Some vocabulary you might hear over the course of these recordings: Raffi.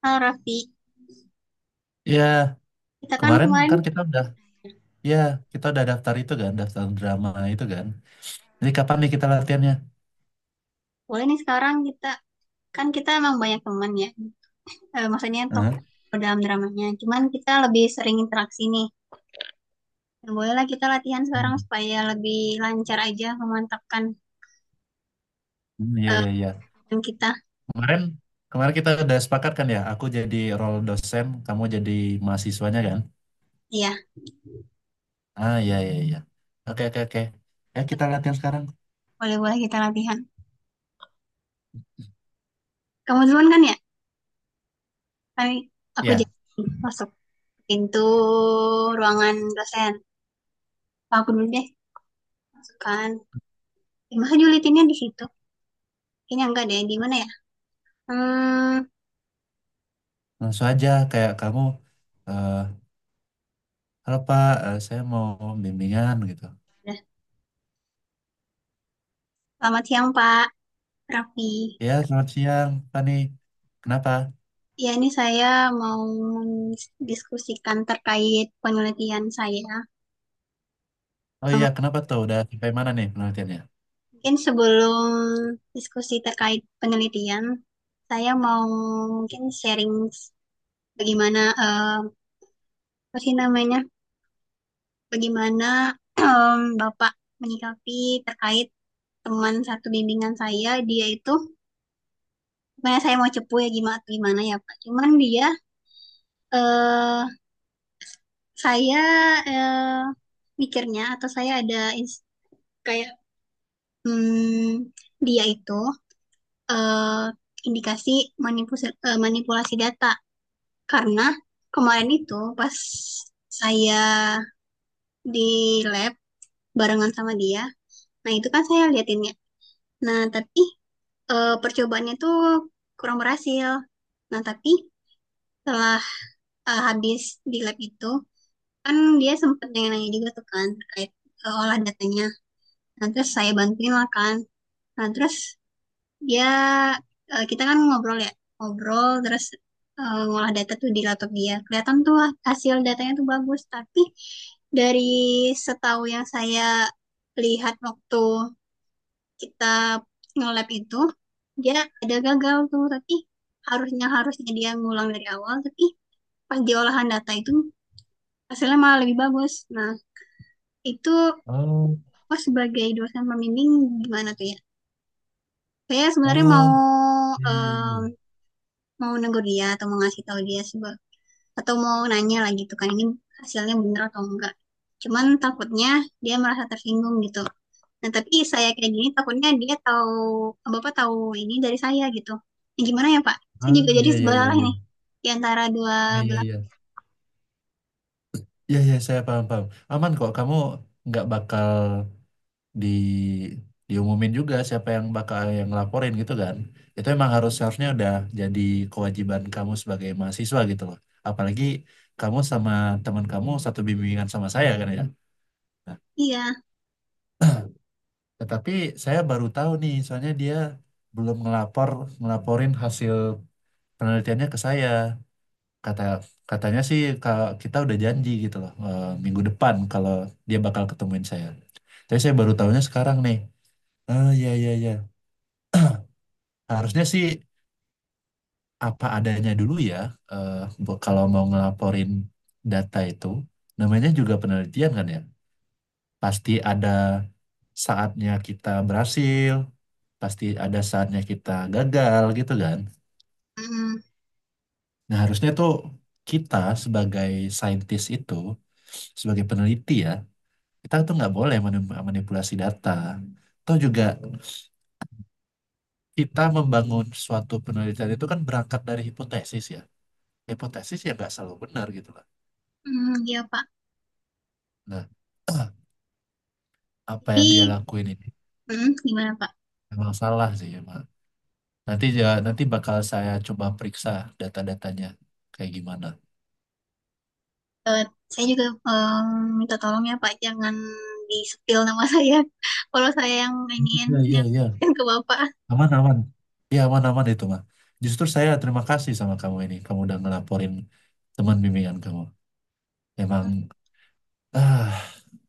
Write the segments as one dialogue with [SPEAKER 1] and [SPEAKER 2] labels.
[SPEAKER 1] Halo Raffi,
[SPEAKER 2] Iya,
[SPEAKER 1] kita kan
[SPEAKER 2] kemarin
[SPEAKER 1] kemarin
[SPEAKER 2] kan ya kita udah daftar itu kan, daftar drama itu kan. Jadi kapan nih kita latihannya?
[SPEAKER 1] boleh nih sekarang kita kan kita emang banyak teman ya. Maksudnya untuk
[SPEAKER 2] Hah?
[SPEAKER 1] dalam dramanya. Cuman kita lebih sering interaksi nih. Dan bolehlah kita latihan sekarang
[SPEAKER 2] Hmm,
[SPEAKER 1] supaya lebih lancar aja memantapkan
[SPEAKER 2] hmm, iya,
[SPEAKER 1] eh,
[SPEAKER 2] iya, iya.
[SPEAKER 1] teman kita.
[SPEAKER 2] Kemarin, kemarin kita udah sepakat kan ya, aku jadi role dosen, kamu jadi mahasiswanya kan?
[SPEAKER 1] Iya,
[SPEAKER 2] Ah, iya, iya, iya. Oke, oke, oke. Ya, kita latihan sekarang.
[SPEAKER 1] boleh boleh kita latihan. Kamu duluan kan ya? Kami aku
[SPEAKER 2] Ya,
[SPEAKER 1] jadi masuk pintu ruangan dosen. Aku dulu deh, masuk kan. Ya, masa julitinnya di situ? Kayaknya enggak deh. Di mana ya? Hmm,
[SPEAKER 2] langsung aja kayak kamu, eh halo Pak, saya mau bimbingan gitu.
[SPEAKER 1] udah. Selamat siang Pak Raffi.
[SPEAKER 2] Ya, selamat siang, Pak nih. Kenapa?
[SPEAKER 1] Ya, ini saya mau mendiskusikan terkait penelitian saya.
[SPEAKER 2] Oh,
[SPEAKER 1] Eh,
[SPEAKER 2] iya, kenapa tuh? Udah sampai mana nih penelitiannya?
[SPEAKER 1] Mungkin sebelum diskusi terkait penelitian, saya mau mungkin sharing bagaimana, apa sih namanya, bagaimana Bapak menyikapi terkait teman satu bimbingan saya, dia itu, sebenarnya saya mau cepu ya gimana, gimana ya Pak. Cuman dia, eh saya eh, mikirnya atau saya ada ins- kayak Hmm, dia itu eh, indikasi manipulasi, manipulasi data karena kemarin itu pas saya di lab barengan sama dia, nah itu kan saya liatin ya. Nah tapi percobaannya tuh kurang berhasil. Nah tapi setelah habis di lab itu kan dia sempat nanya-nanya juga tuh kan terkait olah datanya. Nah terus saya bantuin lah kan. Nah terus dia kita kan ngobrol ya, ngobrol terus ngolah data tuh di laptop dia. Kelihatan tuh hasil datanya tuh bagus, tapi dari setahu yang saya lihat waktu kita nge-lab itu dia ada gagal tuh, tapi harusnya harusnya dia ngulang dari awal, tapi pas di olahan data itu hasilnya malah lebih bagus. Nah, itu
[SPEAKER 2] Oh.
[SPEAKER 1] aku sebagai dosen pembimbing gimana tuh ya? Saya sebenarnya
[SPEAKER 2] Oh,
[SPEAKER 1] mau
[SPEAKER 2] iya, iya, iya.
[SPEAKER 1] eh, mau negur dia atau mau ngasih tahu dia sebab atau mau nanya lah gitu kan ini hasilnya bener atau enggak cuman takutnya dia merasa tersinggung gitu nah tapi saya kayak gini takutnya dia tahu bapak tahu ini dari saya gitu. Nah, gimana ya pak saya
[SPEAKER 2] Ah,
[SPEAKER 1] juga jadi
[SPEAKER 2] iya, iya,
[SPEAKER 1] sebelah
[SPEAKER 2] iya,
[SPEAKER 1] lah
[SPEAKER 2] iya.
[SPEAKER 1] ini di antara dua
[SPEAKER 2] Iya, iya,
[SPEAKER 1] belah
[SPEAKER 2] iya. Iya, iya, saya paham paham. Aman kok, kamu nggak bakal di diumumin juga siapa yang bakal yang laporin gitu kan. Itu emang seharusnya udah jadi kewajiban kamu sebagai mahasiswa gitu loh. Apalagi kamu sama teman kamu satu bimbingan sama saya kan ya. Nah,
[SPEAKER 1] iya.
[SPEAKER 2] tetapi saya baru tahu nih, soalnya dia belum ngelaporin hasil penelitiannya ke saya. kata katanya sih kita udah janji gitu loh, minggu depan kalau dia bakal ketemuin saya. Tapi saya baru tahunya sekarang nih. Oh, iya, iya, iya. Harusnya sih apa adanya dulu ya. eh, Kalau mau ngelaporin data itu, namanya juga penelitian kan ya. Pasti ada saatnya kita berhasil, pasti ada saatnya kita gagal gitu kan.
[SPEAKER 1] Mm,
[SPEAKER 2] Nah, harusnya tuh kita sebagai saintis itu, sebagai peneliti ya, kita tuh nggak boleh manipulasi data. Atau juga kita membangun suatu penelitian itu kan berangkat dari hipotesis ya. Hipotesis ya nggak selalu benar gitu lah.
[SPEAKER 1] mm, iya pak
[SPEAKER 2] Nah, apa yang dia
[SPEAKER 1] jadi
[SPEAKER 2] lakuin ini
[SPEAKER 1] mm, gimana pak.
[SPEAKER 2] emang salah sih emang. Nanti ya, nanti bakal saya coba periksa data-datanya kayak gimana.
[SPEAKER 1] Eh, saya juga minta tolong ya pak jangan di spill nama saya kalau saya yang ingin
[SPEAKER 2] Iya, iya, iya.
[SPEAKER 1] yang ke bapak
[SPEAKER 2] Aman, aman. Iya, aman, aman itu mah. Justru saya terima kasih sama kamu ini. Kamu udah ngelaporin teman bimbingan kamu. Emang ah,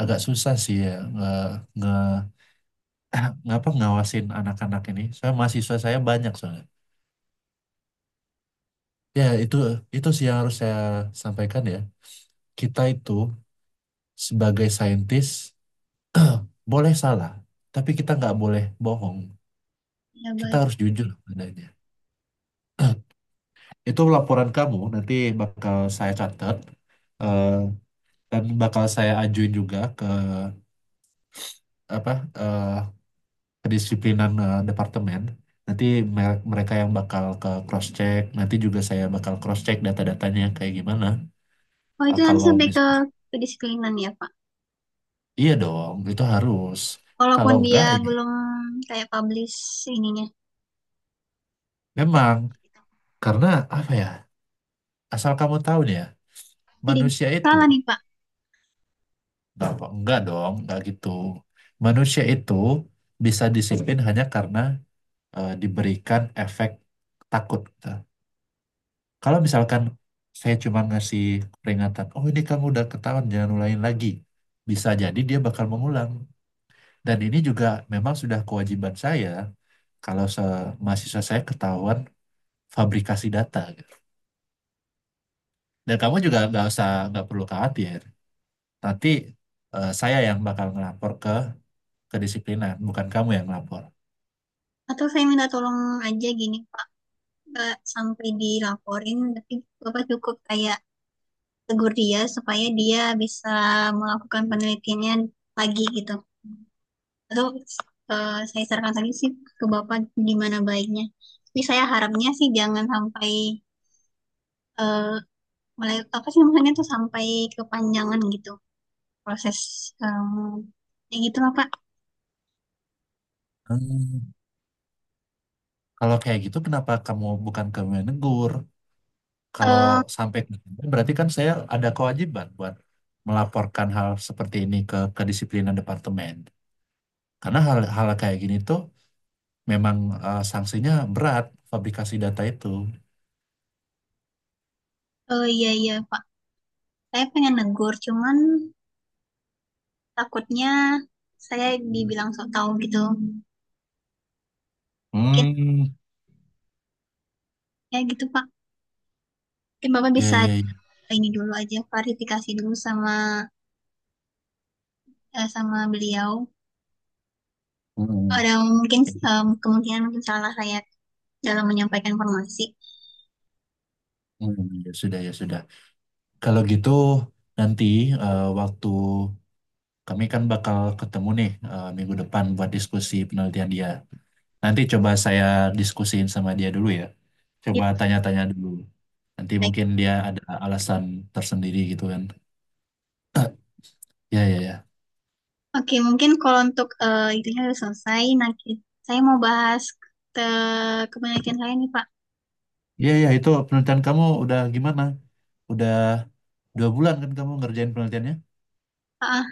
[SPEAKER 2] agak susah sih ya nge, nge ngawasin anak-anak ini. Saya mahasiswa saya banyak soalnya. Ya itu sih yang harus saya sampaikan ya. Kita itu sebagai saintis boleh salah, tapi kita nggak boleh bohong.
[SPEAKER 1] ya
[SPEAKER 2] Kita
[SPEAKER 1] baik.
[SPEAKER 2] harus jujur adanya. Itu laporan kamu nanti bakal saya catat, eh, dan bakal saya ajuin juga ke apa eh, kedisiplinan, departemen. Nanti mereka yang bakal ke cross check, nanti juga saya bakal cross check data-datanya kayak gimana.
[SPEAKER 1] Oh itu
[SPEAKER 2] Ah,
[SPEAKER 1] nanti
[SPEAKER 2] kalau
[SPEAKER 1] sampai ke
[SPEAKER 2] misal,
[SPEAKER 1] kedisiplinan ya Pak.
[SPEAKER 2] iya dong, itu harus.
[SPEAKER 1] Walaupun
[SPEAKER 2] Kalau
[SPEAKER 1] dia
[SPEAKER 2] enggak, ya
[SPEAKER 1] belum kayak publish ininya.
[SPEAKER 2] memang. Karena apa ya, asal kamu tahu nih ya,
[SPEAKER 1] Jadi
[SPEAKER 2] manusia itu,
[SPEAKER 1] salah nih Pak.
[SPEAKER 2] enggak, enggak dong, enggak gitu. Manusia itu bisa disiplin hanya karena diberikan efek takut gitu. Kalau misalkan saya cuma ngasih peringatan, oh ini kamu udah ketahuan, jangan ulangin lagi. Bisa jadi dia bakal mengulang. Dan ini juga memang sudah kewajiban saya, kalau mahasiswa saya ketahuan fabrikasi data gitu. Dan kamu juga nggak usah nggak perlu khawatir. Nanti saya yang bakal ngelapor ke kedisiplinan, bukan kamu yang ngelapor.
[SPEAKER 1] Atau saya minta tolong aja gini Pak. Nggak sampai dilaporin. Tapi Bapak cukup kayak tegur dia supaya dia bisa melakukan penelitiannya lagi gitu. Atau saya sarankan tadi sih ke Bapak gimana baiknya. Tapi saya harapnya sih jangan sampai eh, mulai apa sih namanya tuh sampai kepanjangan gitu. Proses em, ya gitu lah Pak.
[SPEAKER 2] Hmm. Kalau kayak gitu, kenapa bukan kamu yang negur? Kalau
[SPEAKER 1] eh
[SPEAKER 2] sampai berarti kan saya ada kewajiban buat melaporkan hal seperti ini ke kedisiplinan departemen. Karena hal-hal kayak gini tuh memang, sanksinya berat fabrikasi data itu.
[SPEAKER 1] iya iya Pak saya pengen negur cuman takutnya saya dibilang sok tahu gitu mungkin
[SPEAKER 2] Hmm.
[SPEAKER 1] ya gitu Pak mungkin Bapak
[SPEAKER 2] Ya,
[SPEAKER 1] bisa
[SPEAKER 2] ya, ya.
[SPEAKER 1] ini dulu aja klarifikasi dulu sama sama beliau
[SPEAKER 2] Hmm.
[SPEAKER 1] ada mungkin
[SPEAKER 2] Ya,
[SPEAKER 1] kemungkinan mungkin salah saya dalam menyampaikan informasi
[SPEAKER 2] hmm. Ya sudah, ya sudah. Kalau gitu nanti, waktu kami kan bakal ketemu nih, minggu depan buat diskusi penelitian dia. Nanti coba saya diskusiin sama dia dulu ya.
[SPEAKER 1] ya
[SPEAKER 2] Coba tanya-tanya dulu. Nanti
[SPEAKER 1] baik.
[SPEAKER 2] mungkin dia ada alasan tersendiri gitu kan. Ya, ya, ya.
[SPEAKER 1] Oke mungkin kalau untuk itunya udah selesai nah ki- saya mau bahas ke kepenelitian saya nih Pak.
[SPEAKER 2] Ya, ya itu penelitian kamu udah gimana? Udah 2 bulan kan kamu ngerjain penelitiannya?
[SPEAKER 1] Ah,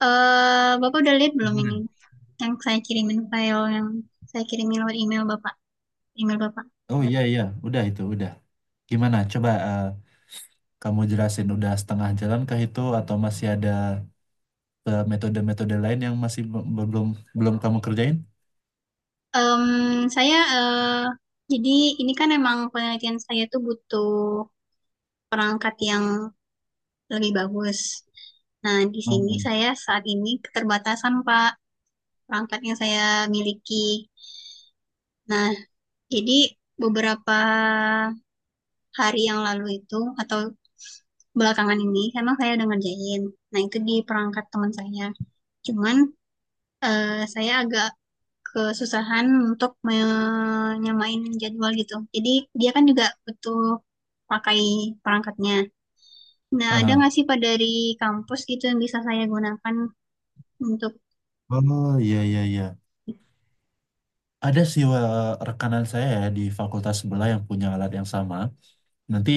[SPEAKER 1] ah. Eh Bapak udah lihat belum ini
[SPEAKER 2] Gimana?
[SPEAKER 1] yang saya kirimin file yang saya kirimin lewat email Bapak.
[SPEAKER 2] Oh, iya, iya, udah, itu udah. Gimana? Coba kamu jelasin udah setengah jalan kah itu atau masih ada, metode-metode lain yang masih be- belum belum kamu kerjain?
[SPEAKER 1] Em, saya jadi ini kan emang penelitian saya tuh butuh perangkat yang lebih bagus. Nah, di sini
[SPEAKER 2] Mhm.
[SPEAKER 1] saya saat ini keterbatasan Pak perangkat yang saya miliki. Nah, jadi beberapa hari yang lalu itu atau belakangan ini emang saya udah ngerjain. Nah, itu di perangkat teman saya. Cuman saya agak kesusahan untuk menyamain jadwal gitu. Jadi dia kan juga butuh pakai perangkatnya. Nah, ada
[SPEAKER 2] Aha.
[SPEAKER 1] nggak sih Pak dari kampus gitu yang bisa saya gunakan untuk...
[SPEAKER 2] Oh, iya, iya, iya. Ada sih rekanan saya ya di fakultas sebelah yang punya alat yang sama. Nanti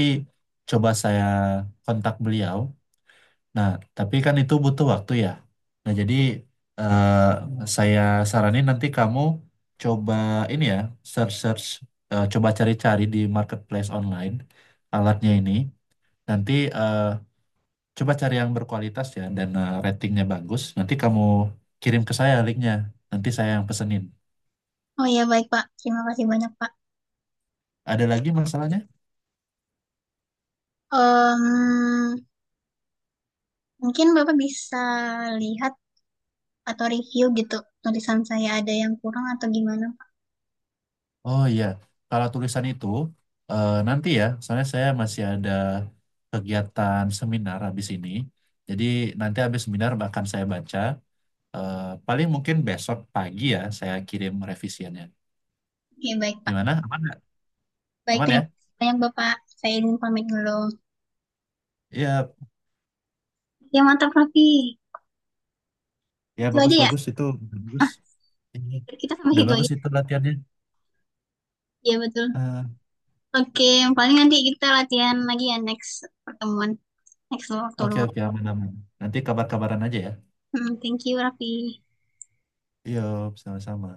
[SPEAKER 2] coba saya kontak beliau. Nah, tapi kan itu butuh waktu ya. Nah, jadi, eh, saya saranin nanti kamu coba ini ya, search search, coba cari-cari di marketplace online alatnya ini. Nanti, eh, coba cari yang berkualitas ya dan ratingnya bagus. Nanti kamu kirim ke saya linknya. Nanti saya yang pesenin.
[SPEAKER 1] Oh ya, baik Pak. Terima kasih banyak Pak.
[SPEAKER 2] Ada lagi masalahnya?
[SPEAKER 1] Em, mungkin Bapak bisa lihat atau review gitu tulisan saya ada yang kurang atau gimana Pak.
[SPEAKER 2] Oh, iya, kalau tulisan itu, nanti ya, soalnya saya masih ada kegiatan seminar habis ini. Jadi nanti habis seminar bahkan saya baca. Paling mungkin besok pagi ya saya kirim revisiannya.
[SPEAKER 1] Ya, baik Pak.
[SPEAKER 2] Gimana? Aman nggak?
[SPEAKER 1] Baik,
[SPEAKER 2] Aman ya?
[SPEAKER 1] terima kasih banyak Bapak. Saya izin pamit dulu.
[SPEAKER 2] Iya,
[SPEAKER 1] Ya, mantap Raffi.
[SPEAKER 2] ya
[SPEAKER 1] Itu aja ya.
[SPEAKER 2] bagus-bagus itu bagus. Ini
[SPEAKER 1] Kita sampai
[SPEAKER 2] udah
[SPEAKER 1] situ
[SPEAKER 2] bagus
[SPEAKER 1] aja.
[SPEAKER 2] itu latihannya.
[SPEAKER 1] Ya, betul. Oke, paling nanti kita latihan lagi ya next pertemuan, next waktu
[SPEAKER 2] Oke,
[SPEAKER 1] luang.
[SPEAKER 2] oke, aman, aman. Nanti kabar-kabaran aja ya.
[SPEAKER 1] Hmm, thank you, Raffi.
[SPEAKER 2] Yuk, sama-sama.